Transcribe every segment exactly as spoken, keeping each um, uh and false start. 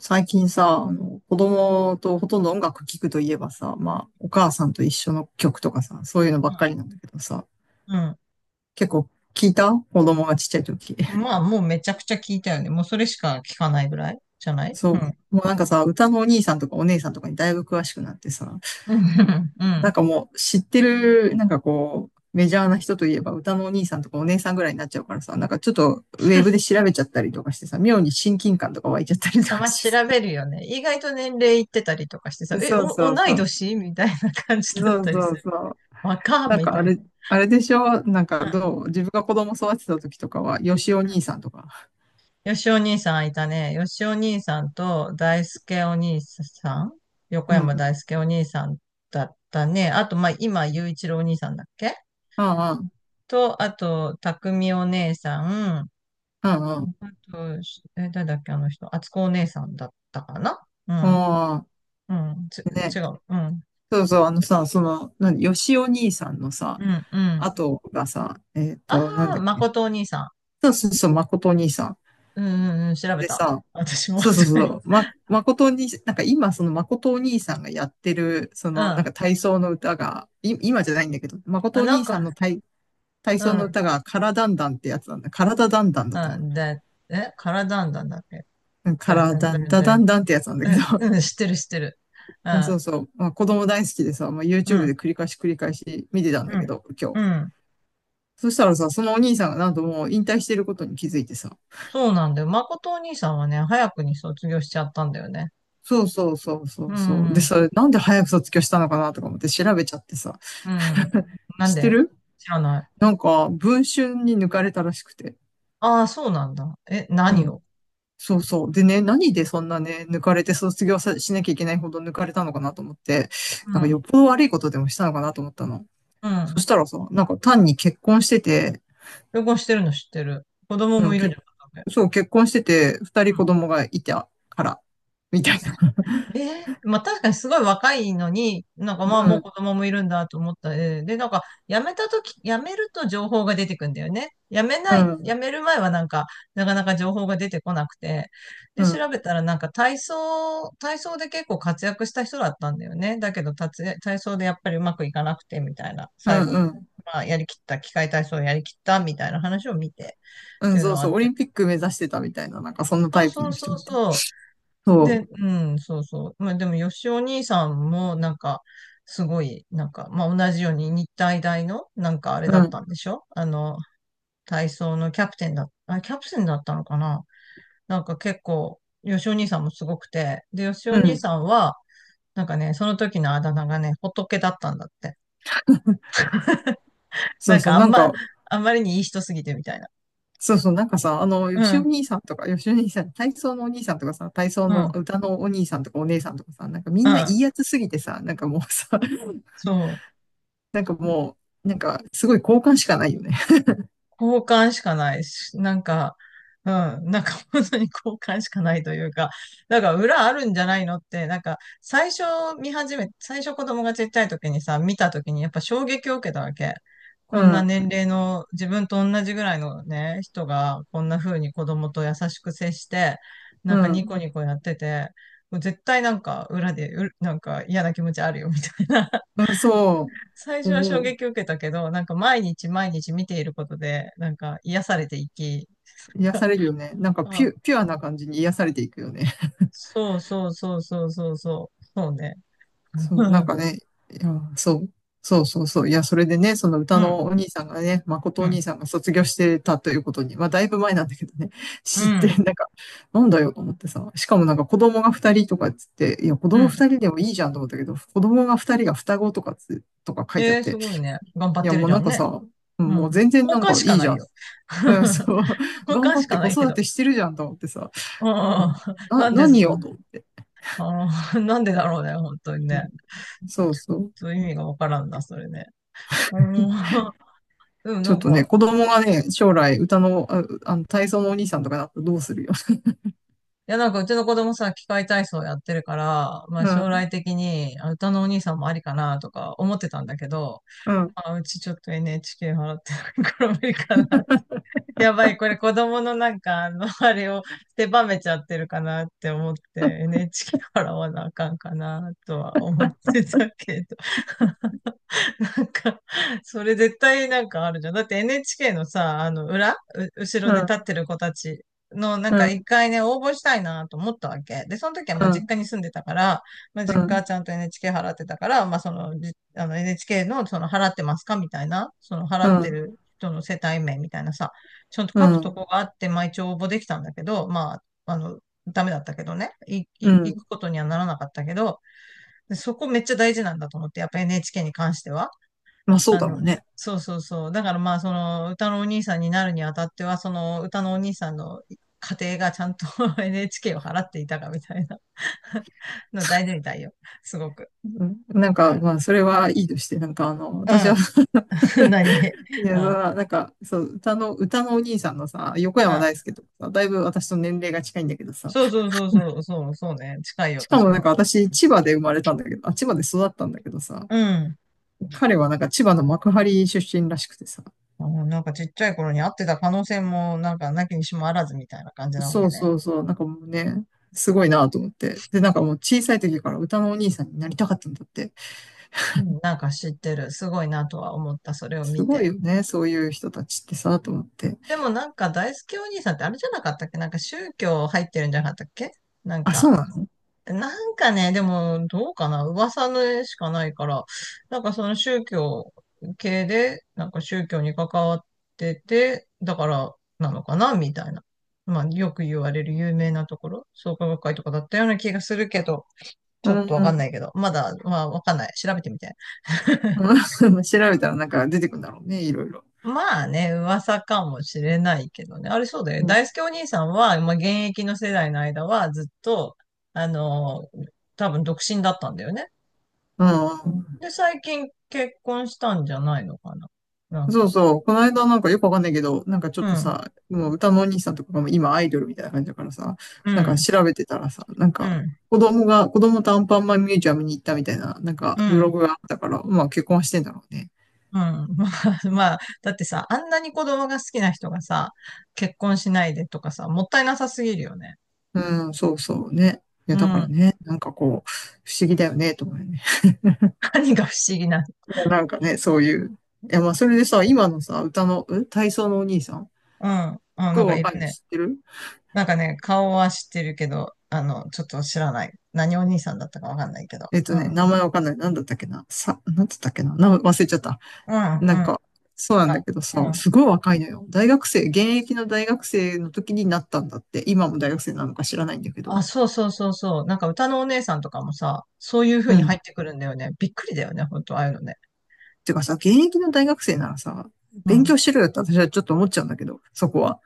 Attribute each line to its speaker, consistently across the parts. Speaker 1: 最近さ、あの、子供とほとんど音楽聴くといえばさ、まあ、お母さんと一緒の曲とかさ、そういうのばっ
Speaker 2: う
Speaker 1: かりなんだけどさ、
Speaker 2: ん。
Speaker 1: 結構聞いた子供がちっちゃい時。
Speaker 2: うん、まあ、もうめちゃくちゃ聞いたよね。もうそれしか聞かないぐらいじゃな い？
Speaker 1: そ
Speaker 2: う
Speaker 1: う。
Speaker 2: ん。
Speaker 1: もうなんかさ、歌のお兄さんとかお姉さんとかにだいぶ詳しくなってさ、
Speaker 2: うん。う
Speaker 1: な
Speaker 2: ん。
Speaker 1: んかもう知ってる、なんかこう、メジャーな人といえば歌のお兄さんとかお姉さんぐらいになっちゃうからさ、なんかちょっとウェブで調べちゃったりとかしてさ、妙に親近感とか湧いちゃったりと
Speaker 2: あ、
Speaker 1: か
Speaker 2: まあ、
Speaker 1: して
Speaker 2: 調
Speaker 1: さ。
Speaker 2: べるよね。意外と年齢いってたりとかしてさ、え、
Speaker 1: そうそ
Speaker 2: お、
Speaker 1: う
Speaker 2: 同
Speaker 1: そ
Speaker 2: い
Speaker 1: う。
Speaker 2: 年みたいな感じだっ
Speaker 1: そう
Speaker 2: たり
Speaker 1: そ
Speaker 2: す
Speaker 1: う
Speaker 2: る。
Speaker 1: そう。
Speaker 2: 若っ
Speaker 1: なん
Speaker 2: み
Speaker 1: か
Speaker 2: た
Speaker 1: あ
Speaker 2: いな。
Speaker 1: れ、あれでしょなんか
Speaker 2: うん。
Speaker 1: どう自分が子供育てた時とかは、よしお兄さんとか。
Speaker 2: よしお兄さんいたね。よしお兄さんと大輔お兄さん、横
Speaker 1: うんう
Speaker 2: 山
Speaker 1: ん。
Speaker 2: 大輔お兄さんだったね。あと、まあ、今、雄一郎お兄さんだっけ？
Speaker 1: うんうん。
Speaker 2: と、あと、匠お姉さん、
Speaker 1: うんうん。
Speaker 2: あと、しえ、誰だっけ、あの人。あつこお姉さんだったかな？うん。
Speaker 1: ああ、
Speaker 2: うん。ち、
Speaker 1: ね。
Speaker 2: 違う。うん。
Speaker 1: そうそう、あのさ、その、何、よしお兄さんのさ、
Speaker 2: うん。うん。
Speaker 1: 後がさ、えっ
Speaker 2: あ
Speaker 1: と、なん
Speaker 2: あ、
Speaker 1: だっ
Speaker 2: ま
Speaker 1: け？
Speaker 2: ことお兄さん。
Speaker 1: そうそうそう、誠お兄さん。
Speaker 2: うん。うん。うん、調べ
Speaker 1: で
Speaker 2: た。
Speaker 1: さ、
Speaker 2: 私も。
Speaker 1: そうそうそ う、ま、誠お兄さん、なんか今、その誠お兄さんがやってる、そ
Speaker 2: う
Speaker 1: の、なん
Speaker 2: ん。
Speaker 1: か体操の歌が、い、今じゃないんだけど、誠
Speaker 2: あ、
Speaker 1: お
Speaker 2: なん
Speaker 1: 兄さん
Speaker 2: か、
Speaker 1: の体、体
Speaker 2: う
Speaker 1: 操の
Speaker 2: ん。
Speaker 1: 歌が、からだんだんってやつなんだ。からだだんだんだったよ。
Speaker 2: うん。だえ、カラダンダンだっけ？
Speaker 1: うんか
Speaker 2: だ、
Speaker 1: ら
Speaker 2: だ、
Speaker 1: だんだ
Speaker 2: だ、
Speaker 1: だんだんってやつなんだ
Speaker 2: う
Speaker 1: けど、
Speaker 2: ん。うん。知ってる、知ってる。う
Speaker 1: うんそ
Speaker 2: ん。
Speaker 1: うそう、まあ、子供大好きでさ、まあ、
Speaker 2: う
Speaker 1: YouTube で
Speaker 2: ん。
Speaker 1: 繰り返し繰り返し見てたん
Speaker 2: う
Speaker 1: だけ
Speaker 2: ん。
Speaker 1: ど、今
Speaker 2: う
Speaker 1: 日。
Speaker 2: ん。
Speaker 1: そしたらさ、そのお兄さんがなんともう引退してることに気づいてさ、
Speaker 2: そうなんだよ。まことお兄さんはね、早くに卒業しちゃったんだよね。
Speaker 1: そうそうそうそ
Speaker 2: うん。
Speaker 1: うそう。で、
Speaker 2: うん。
Speaker 1: それなんで早く卒業したのかなとか思って調べちゃってさ、
Speaker 2: うん、 なん
Speaker 1: 知って
Speaker 2: で？
Speaker 1: る？
Speaker 2: 知らない。
Speaker 1: なんか、文春に抜かれたらしくて。
Speaker 2: ああ、そうなんだ。え、
Speaker 1: う
Speaker 2: 何
Speaker 1: ん。
Speaker 2: を？
Speaker 1: そうそう。でね、何でそんなね、抜かれて卒業さしなきゃいけないほど抜かれたのかなと思って、
Speaker 2: う
Speaker 1: なんかよ
Speaker 2: ん、
Speaker 1: っぽど悪いことでもしたのかなと思ったの。
Speaker 2: う
Speaker 1: そ
Speaker 2: ん。
Speaker 1: したらさ、なんか単に結婚してて、
Speaker 2: 旅行してるの知ってる。子供
Speaker 1: う
Speaker 2: も
Speaker 1: ん、
Speaker 2: いるんじ
Speaker 1: け
Speaker 2: ゃなかったっけ？
Speaker 1: そう、結婚してて、二人子供がいたから、みたいな。
Speaker 2: ええ、まあ確かにすごい若いのに、なんか
Speaker 1: う
Speaker 2: まあもう子
Speaker 1: ん、
Speaker 2: 供もいるんだと思った。で、で、なんか辞めたとき、辞めると情報が出てくんだよね。辞め
Speaker 1: う
Speaker 2: ない、
Speaker 1: ん、
Speaker 2: 辞める前はなんか、なかなか情報が出てこなくて。
Speaker 1: う
Speaker 2: で、
Speaker 1: ん、う
Speaker 2: 調
Speaker 1: ん、
Speaker 2: べたらなんか体操、体操で結構活躍した人だったんだよね。だけど、たつ体操でやっぱりうまくいかなくてみたいな、
Speaker 1: う
Speaker 2: 最後、
Speaker 1: ん、
Speaker 2: まあやりきった、器械体操をやりきったみたいな話を見てっ
Speaker 1: う
Speaker 2: て
Speaker 1: ん
Speaker 2: いう
Speaker 1: そ
Speaker 2: の
Speaker 1: う
Speaker 2: はあ
Speaker 1: そう、
Speaker 2: っ
Speaker 1: オ
Speaker 2: た。
Speaker 1: リンピック目指してたみたいな、なんかそんな
Speaker 2: そ
Speaker 1: タ
Speaker 2: う
Speaker 1: イプ
Speaker 2: そう
Speaker 1: の
Speaker 2: そ
Speaker 1: 人
Speaker 2: う
Speaker 1: みたいな。
Speaker 2: そう。
Speaker 1: そ
Speaker 2: で、
Speaker 1: う、
Speaker 2: うん、そうそう。まあでも、よしお兄さんも、なんか、すごい、なんか、まあ同じように日体大の、なんかあれ
Speaker 1: う
Speaker 2: だった
Speaker 1: ん、
Speaker 2: んでしょ？あの、体操のキャプテンだ、あ、キャプテンだったのかな？なんか結構、よしお兄さんもすごくて、で、よしお
Speaker 1: う
Speaker 2: 兄
Speaker 1: ん、
Speaker 2: さんは、なんかね、その時のあだ名がね、仏だったんだって。
Speaker 1: そ
Speaker 2: な
Speaker 1: う
Speaker 2: ん
Speaker 1: そう、
Speaker 2: かあ
Speaker 1: な
Speaker 2: ん
Speaker 1: ん
Speaker 2: ま、
Speaker 1: か、
Speaker 2: あんまりにいい人すぎてみたいな。
Speaker 1: そうそう、なんかさ、あの、
Speaker 2: う
Speaker 1: よしお
Speaker 2: ん、
Speaker 1: 兄さんとか、よしお兄さん、体操のお兄さんとかさ、体操
Speaker 2: う
Speaker 1: の
Speaker 2: ん、
Speaker 1: 歌のお兄さんとかお姉さんとかさ、なんかみ
Speaker 2: う
Speaker 1: んない
Speaker 2: ん、
Speaker 1: いやつすぎてさ、なんかもうさ、
Speaker 2: そう。
Speaker 1: なんかもう、なんかすごい好感しかないよね。
Speaker 2: 交換しかないし、なんか、うん、なんか本当に交換しかないというか、だから裏あるんじゃないのって、なんか最初、見始め、最初子供がちっちゃい時にさ、見た時にやっぱ衝撃を受けたわけ。
Speaker 1: う
Speaker 2: こんな
Speaker 1: ん、
Speaker 2: 年齢の自分と同じぐらいのね、人がこんな風に子供と優しく接して、な
Speaker 1: う
Speaker 2: んかニ
Speaker 1: ん。
Speaker 2: コニコやってて、もう絶対なんか裏でう、なんか嫌な気持ちあるよみたいな、
Speaker 1: うん、そ
Speaker 2: 最
Speaker 1: う。
Speaker 2: 初は衝
Speaker 1: おう。
Speaker 2: 撃を受けたけど、なんか毎日毎日見ていることで、なんか癒されていき、
Speaker 1: 癒 されるよね。なんかピ
Speaker 2: あ、
Speaker 1: ュ、ピュアな感じに癒されていくよね。
Speaker 2: そうそうそうそうそうそう、そうね。
Speaker 1: そう、なん かね、いや、そう。そうそうそう。いや、それでね、その
Speaker 2: う
Speaker 1: 歌
Speaker 2: ん、うん、
Speaker 1: のお兄さんがね、誠
Speaker 2: う
Speaker 1: お兄
Speaker 2: ん、
Speaker 1: さんが卒業してたということに、まあ、だいぶ前なんだけどね、
Speaker 2: う
Speaker 1: 知って、な
Speaker 2: ん。
Speaker 1: んか、なんだよと思ってさ、しかもなんか子供が二人とかっつって、いや、子供二人でもいいじゃんと思ったけど、子供が二人が双子とかつ、とか書いてあっ
Speaker 2: えー、す
Speaker 1: て、
Speaker 2: ごいね。頑張っ
Speaker 1: いや、
Speaker 2: てる
Speaker 1: もう
Speaker 2: じゃ
Speaker 1: なん
Speaker 2: ん
Speaker 1: か
Speaker 2: ね。
Speaker 1: さ、う
Speaker 2: う
Speaker 1: んもう
Speaker 2: ん。
Speaker 1: 全然な
Speaker 2: 交
Speaker 1: ん
Speaker 2: 換
Speaker 1: か
Speaker 2: し
Speaker 1: い
Speaker 2: か
Speaker 1: いじ
Speaker 2: な
Speaker 1: ゃ
Speaker 2: い
Speaker 1: ん。
Speaker 2: よ。
Speaker 1: うん、そう。
Speaker 2: 交
Speaker 1: 頑
Speaker 2: 換
Speaker 1: 張
Speaker 2: し
Speaker 1: って
Speaker 2: か
Speaker 1: 子
Speaker 2: ないけ
Speaker 1: 育
Speaker 2: ど。
Speaker 1: てしてるじゃんと思ってさ、
Speaker 2: うん、う
Speaker 1: う
Speaker 2: ん、うん、
Speaker 1: んな、
Speaker 2: なんで
Speaker 1: 何
Speaker 2: そん
Speaker 1: を
Speaker 2: な、
Speaker 1: と思って。
Speaker 2: あーなんでだろうね、本当に
Speaker 1: う
Speaker 2: ね。
Speaker 1: ん
Speaker 2: ち
Speaker 1: そうそう。
Speaker 2: ょっと意味がわからんな、それね。うん、うんな
Speaker 1: ちょっ
Speaker 2: ん
Speaker 1: とね、
Speaker 2: か、
Speaker 1: 子供がね、将来歌の、あ、あの、体操のお兄さんとかだとどうするよ。
Speaker 2: いや、なんかうちの子供さ、器械体操やってるから、まあ
Speaker 1: う
Speaker 2: 将
Speaker 1: ん、
Speaker 2: 来的にあ歌のお兄さんもありかなとか思ってたんだけど、
Speaker 1: うん、
Speaker 2: まあうちちょっと エヌエイチケー 払ってないから無理かな。やばい、これ子供のなんかあの、あれを狭めちゃってるかなって思って、 エヌエイチケー 払わなあかんかなとは思ってたけど。なんか、それ絶対なんかあるじゃん。だって エヌエイチケー のさ、あの裏、う後ろ
Speaker 1: う
Speaker 2: で立
Speaker 1: ん、
Speaker 2: ってる子たちのなん
Speaker 1: う
Speaker 2: か
Speaker 1: ん、
Speaker 2: 一回ね、応募したいなと思ったわけ。で、その時は
Speaker 1: う
Speaker 2: まあ実
Speaker 1: ん、
Speaker 2: 家に住んでたから、まあ
Speaker 1: う
Speaker 2: 実家
Speaker 1: ん、
Speaker 2: はちゃんと エヌエイチケー 払ってたから、まあその、じあの エヌエイチケー のその払ってますかみたいな、その払
Speaker 1: う
Speaker 2: って
Speaker 1: ん、
Speaker 2: る人の世帯名みたいなさ、ちゃんと
Speaker 1: う
Speaker 2: 書くと
Speaker 1: ん、
Speaker 2: こがあって、まあ一応応募できたんだけど、まあ、あの、ダメだったけどね。い、
Speaker 1: う
Speaker 2: い、行
Speaker 1: ん
Speaker 2: くことにはならなかったけど、でそこめっちゃ大事なんだと思って、やっぱ エヌエイチケー に関しては。
Speaker 1: まあそう
Speaker 2: あ
Speaker 1: だろ
Speaker 2: の、
Speaker 1: うね。
Speaker 2: そうそうそう。だからまあ、その歌のお兄さんになるにあたっては、その歌のお兄さんの家庭がちゃんと エヌエイチケー を払っていたかみたいな の大事みたいよ。すごく。
Speaker 1: うんなん
Speaker 2: だ
Speaker 1: か、
Speaker 2: か
Speaker 1: まあそれはいいとして、なんかあの、私
Speaker 2: ら、
Speaker 1: は
Speaker 2: うん。何？
Speaker 1: い
Speaker 2: う
Speaker 1: や、そ
Speaker 2: ん。
Speaker 1: らなんか、そう、歌の、歌のお兄さんのさ、横山
Speaker 2: あ、
Speaker 1: 大輔とかさ、だいぶ私と年齢が近いんだけどさ、
Speaker 2: そうそうそうそう、そう、そうね。近いよ、
Speaker 1: しか
Speaker 2: 私
Speaker 1: もなんか
Speaker 2: も。
Speaker 1: 私、千葉で生まれたんだけど、あ、千葉で育ったんだけどさ、
Speaker 2: うん。うん、
Speaker 1: 彼はなんか千葉の幕張出身らしくてさ。
Speaker 2: あのなんかちっちゃい頃に会ってた可能性も、なんかなきにしもあらずみたいな感じなわけ
Speaker 1: そう
Speaker 2: ね。
Speaker 1: そうそう。なんかもうね、すごいなと思って。で、なんかもう小さい時から歌のお兄さんになりたかったんだって。
Speaker 2: うん、なんか知ってる。すごいなとは思った。それを
Speaker 1: す
Speaker 2: 見
Speaker 1: ごい
Speaker 2: て。
Speaker 1: よね。そういう人たちってさ、と思って。
Speaker 2: でもなんか大好きお兄さんってあれじゃなかったっけ？なんか宗教入ってるんじゃなかったっけ？なん
Speaker 1: あ、そ
Speaker 2: か、
Speaker 1: うなの？
Speaker 2: なんかね、でもどうかな、噂の絵しかないから、なんかその宗教系で、なんか宗教に関わってて、だからなのかなみたいな。まあよく言われる有名なところ、創価学会とかだったような気がするけど、ち
Speaker 1: う
Speaker 2: ょっとわかん
Speaker 1: ん。
Speaker 2: ないけど、まだ、まあわかんない。調べてみて。
Speaker 1: うん 調べたらなんか出てくるんだろうね。いろいろ。
Speaker 2: まあね、噂かもしれないけどね。あれそうだよ
Speaker 1: う
Speaker 2: ね。
Speaker 1: ん。
Speaker 2: 大輔お兄さんは、まあ、現役の世代の間はずっと、あの、多分独身だったんだよね。
Speaker 1: うん。
Speaker 2: で、最近結婚したんじゃないのかな。なん
Speaker 1: そう
Speaker 2: か。
Speaker 1: そう。この間なんかよくわかんないけど、なんかちょっ
Speaker 2: う
Speaker 1: と
Speaker 2: ん、
Speaker 1: さ、もう歌のお兄さんとかがもう今アイドルみたいな感じだからさ、
Speaker 2: う
Speaker 1: なんか
Speaker 2: ん、
Speaker 1: 調べてたらさ、なん
Speaker 2: う
Speaker 1: か
Speaker 2: ん、
Speaker 1: 子供が、子供とアンパンマンミュージアムに行ったみたいな、なん
Speaker 2: う
Speaker 1: かブロ
Speaker 2: ん、
Speaker 1: グがあったから、まあ結婚はしてんだろうね。
Speaker 2: うん。まあ、まあだってさ、あんなに子供が好きな人がさ、結婚しないでとかさ、もったいなさすぎるよね。
Speaker 1: うん、そうそうね。いや、
Speaker 2: う
Speaker 1: だから
Speaker 2: ん。
Speaker 1: ね、なんかこう、不思議だよね、と思うよね。
Speaker 2: 何が不思議な？
Speaker 1: いや、なんかね、そういう。いや、まあそれでさ、今のさ、歌の、ん体操のお兄さん、す
Speaker 2: うん。
Speaker 1: っ
Speaker 2: あ、な
Speaker 1: ごい
Speaker 2: んかい
Speaker 1: 若
Speaker 2: る
Speaker 1: いの
Speaker 2: ね。
Speaker 1: 知ってる？
Speaker 2: なんかね、顔は知ってるけど、あの、ちょっと知らない。何お兄さんだったかわかんないけど。
Speaker 1: えっ
Speaker 2: う
Speaker 1: とね、
Speaker 2: ん。
Speaker 1: 名前わかんない。なんだったっけな。さ、なんだったっけな。名前忘れちゃった。
Speaker 2: うん、うん。
Speaker 1: なん
Speaker 2: あ、
Speaker 1: か、そうなんだけど
Speaker 2: う
Speaker 1: さ、
Speaker 2: ん。
Speaker 1: すごい若いのよ。大学生、現役の大学生の時になったんだって。今も大学生なのか知らないんだけど。
Speaker 2: あ、そうそうそうそう。なんか歌のお姉さんとかもさ、そういう風
Speaker 1: う
Speaker 2: に入
Speaker 1: ん。
Speaker 2: ってくるんだよね。びっくりだよね、ほんと、ああいうのね。
Speaker 1: てかさ、現役の大学生ならさ、
Speaker 2: う
Speaker 1: 勉
Speaker 2: ん。
Speaker 1: 強しろよって私はちょっと思っちゃうんだけど、そこは。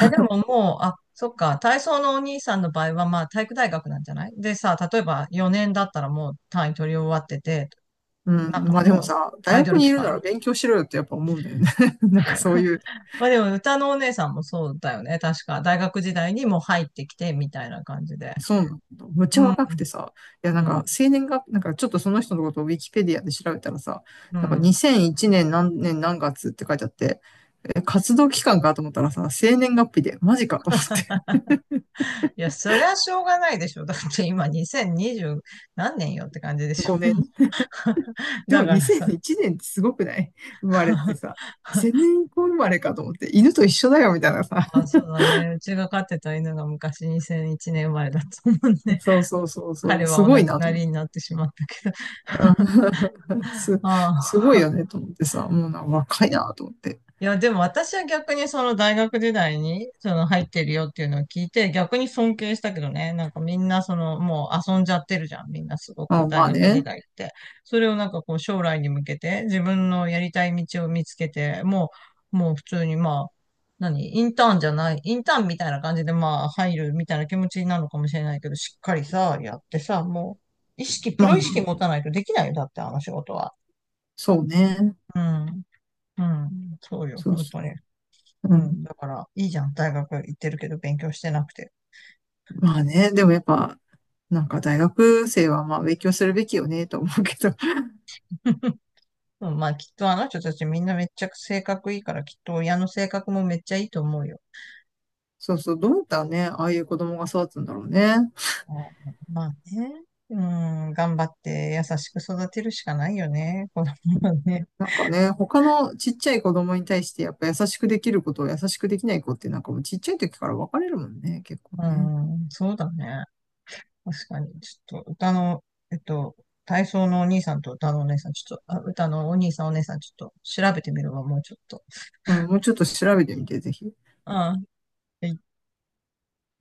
Speaker 2: え、でももう、あ、そっか、体操のお兄さんの場合は、まあ、体育大学なんじゃないでさ、例えばよねんだったらもう単位取り終わってて、
Speaker 1: う
Speaker 2: なん
Speaker 1: ん。
Speaker 2: か
Speaker 1: まあでも
Speaker 2: もう、
Speaker 1: さ、大
Speaker 2: アイド
Speaker 1: 学
Speaker 2: ル
Speaker 1: にい
Speaker 2: 期
Speaker 1: るな
Speaker 2: 間
Speaker 1: ら
Speaker 2: みたい
Speaker 1: 勉
Speaker 2: な。
Speaker 1: 強しろよってやっぱ思うんだよね。なんかそういう
Speaker 2: まあでも、歌のお姉さんもそうだよね。確か、大学時代にもう入ってきて、みたいな感じで。
Speaker 1: そうなんだ。むっ
Speaker 2: う
Speaker 1: ちゃ
Speaker 2: ん、
Speaker 1: 若くてさ、いや
Speaker 2: う
Speaker 1: なんか
Speaker 2: ん、
Speaker 1: 生年が、なんかちょっとその人のことをウィキペディアで調べたらさ、
Speaker 2: う
Speaker 1: なんか
Speaker 2: ん。
Speaker 1: にせんいちねん何年何月って書いてあって、え、活動期間かと思ったらさ、生年月日で、マジかと思って、
Speaker 2: いや、そりゃしょうがないでしょ。だって今にせんにじゅう何年よって感じで しょ。
Speaker 1: ごねん。でも
Speaker 2: だからさ。
Speaker 1: にせんいちねんってすごくない？生まれって さ、にせんねん以降生まれかと思って、犬と一緒だよみたいなさ、
Speaker 2: あ、そうだね。うちが飼ってた犬が昔にせんいちねん生まれだと思う ね。
Speaker 1: そうそうそうそ
Speaker 2: 彼
Speaker 1: う、
Speaker 2: は
Speaker 1: す
Speaker 2: お
Speaker 1: ごい
Speaker 2: 亡く
Speaker 1: なと
Speaker 2: な
Speaker 1: 思っ
Speaker 2: り
Speaker 1: て。
Speaker 2: になってしまったけど。
Speaker 1: うん す、
Speaker 2: あ
Speaker 1: す
Speaker 2: あ。
Speaker 1: ごいよねと思ってさ、もうなんか若いなと思って。
Speaker 2: いや、でも私は逆にその大学時代にその入ってるよっていうのを聞いて逆に尊敬したけどね。なんかみんなそのもう遊んじゃってるじゃん。みんなすごく
Speaker 1: あ、ま
Speaker 2: 大
Speaker 1: あ
Speaker 2: 学時
Speaker 1: ね。
Speaker 2: 代って。それをなんかこう将来に向けて自分のやりたい道を見つけて、もう、もう普通にまあ、何？インターンじゃない、インターンみたいな感じでまあ入るみたいな気持ちなのかもしれないけど、しっかりさ、やってさ、もう意識、プ
Speaker 1: ま
Speaker 2: ロ
Speaker 1: あ
Speaker 2: 意識
Speaker 1: ね。
Speaker 2: 持たないとできないよ。だってあの仕事は。
Speaker 1: そうね。
Speaker 2: うん。うん。そうよ。
Speaker 1: そう
Speaker 2: 本
Speaker 1: そ
Speaker 2: 当に。
Speaker 1: う。
Speaker 2: う
Speaker 1: うん。
Speaker 2: ん。だから、いいじゃん。大学行ってるけど勉強してなくて。
Speaker 1: まあね、でもやっぱ、なんか大学生はまあ勉強するべきよね、と思うけど。
Speaker 2: うん、まあ、きっとあの人たちみんなめっちゃ性格いいから、きっと親の性格もめっちゃいいと思うよ。
Speaker 1: そうそう、どうやったらね、ああいう子供が育つんだろうね。
Speaker 2: あ、まあね。うん、頑張って優しく育てるしかないよね。子供はね。
Speaker 1: なんかね、他のちっちゃい子供に対してやっぱ優しくできることを優しくできない子ってなんかもうちっちゃい時から分かれるもんね、結構
Speaker 2: う
Speaker 1: ね。
Speaker 2: ん、そうだね。確かに。ちょっと、歌の、えっと、体操のお兄さんと歌のお姉さん、ちょっと、あ、歌のお兄さんお姉さん、ちょっと調べてみるわ、もうちょっと。
Speaker 1: うん、もうちょっと調べてみて、ぜひ。
Speaker 2: うん。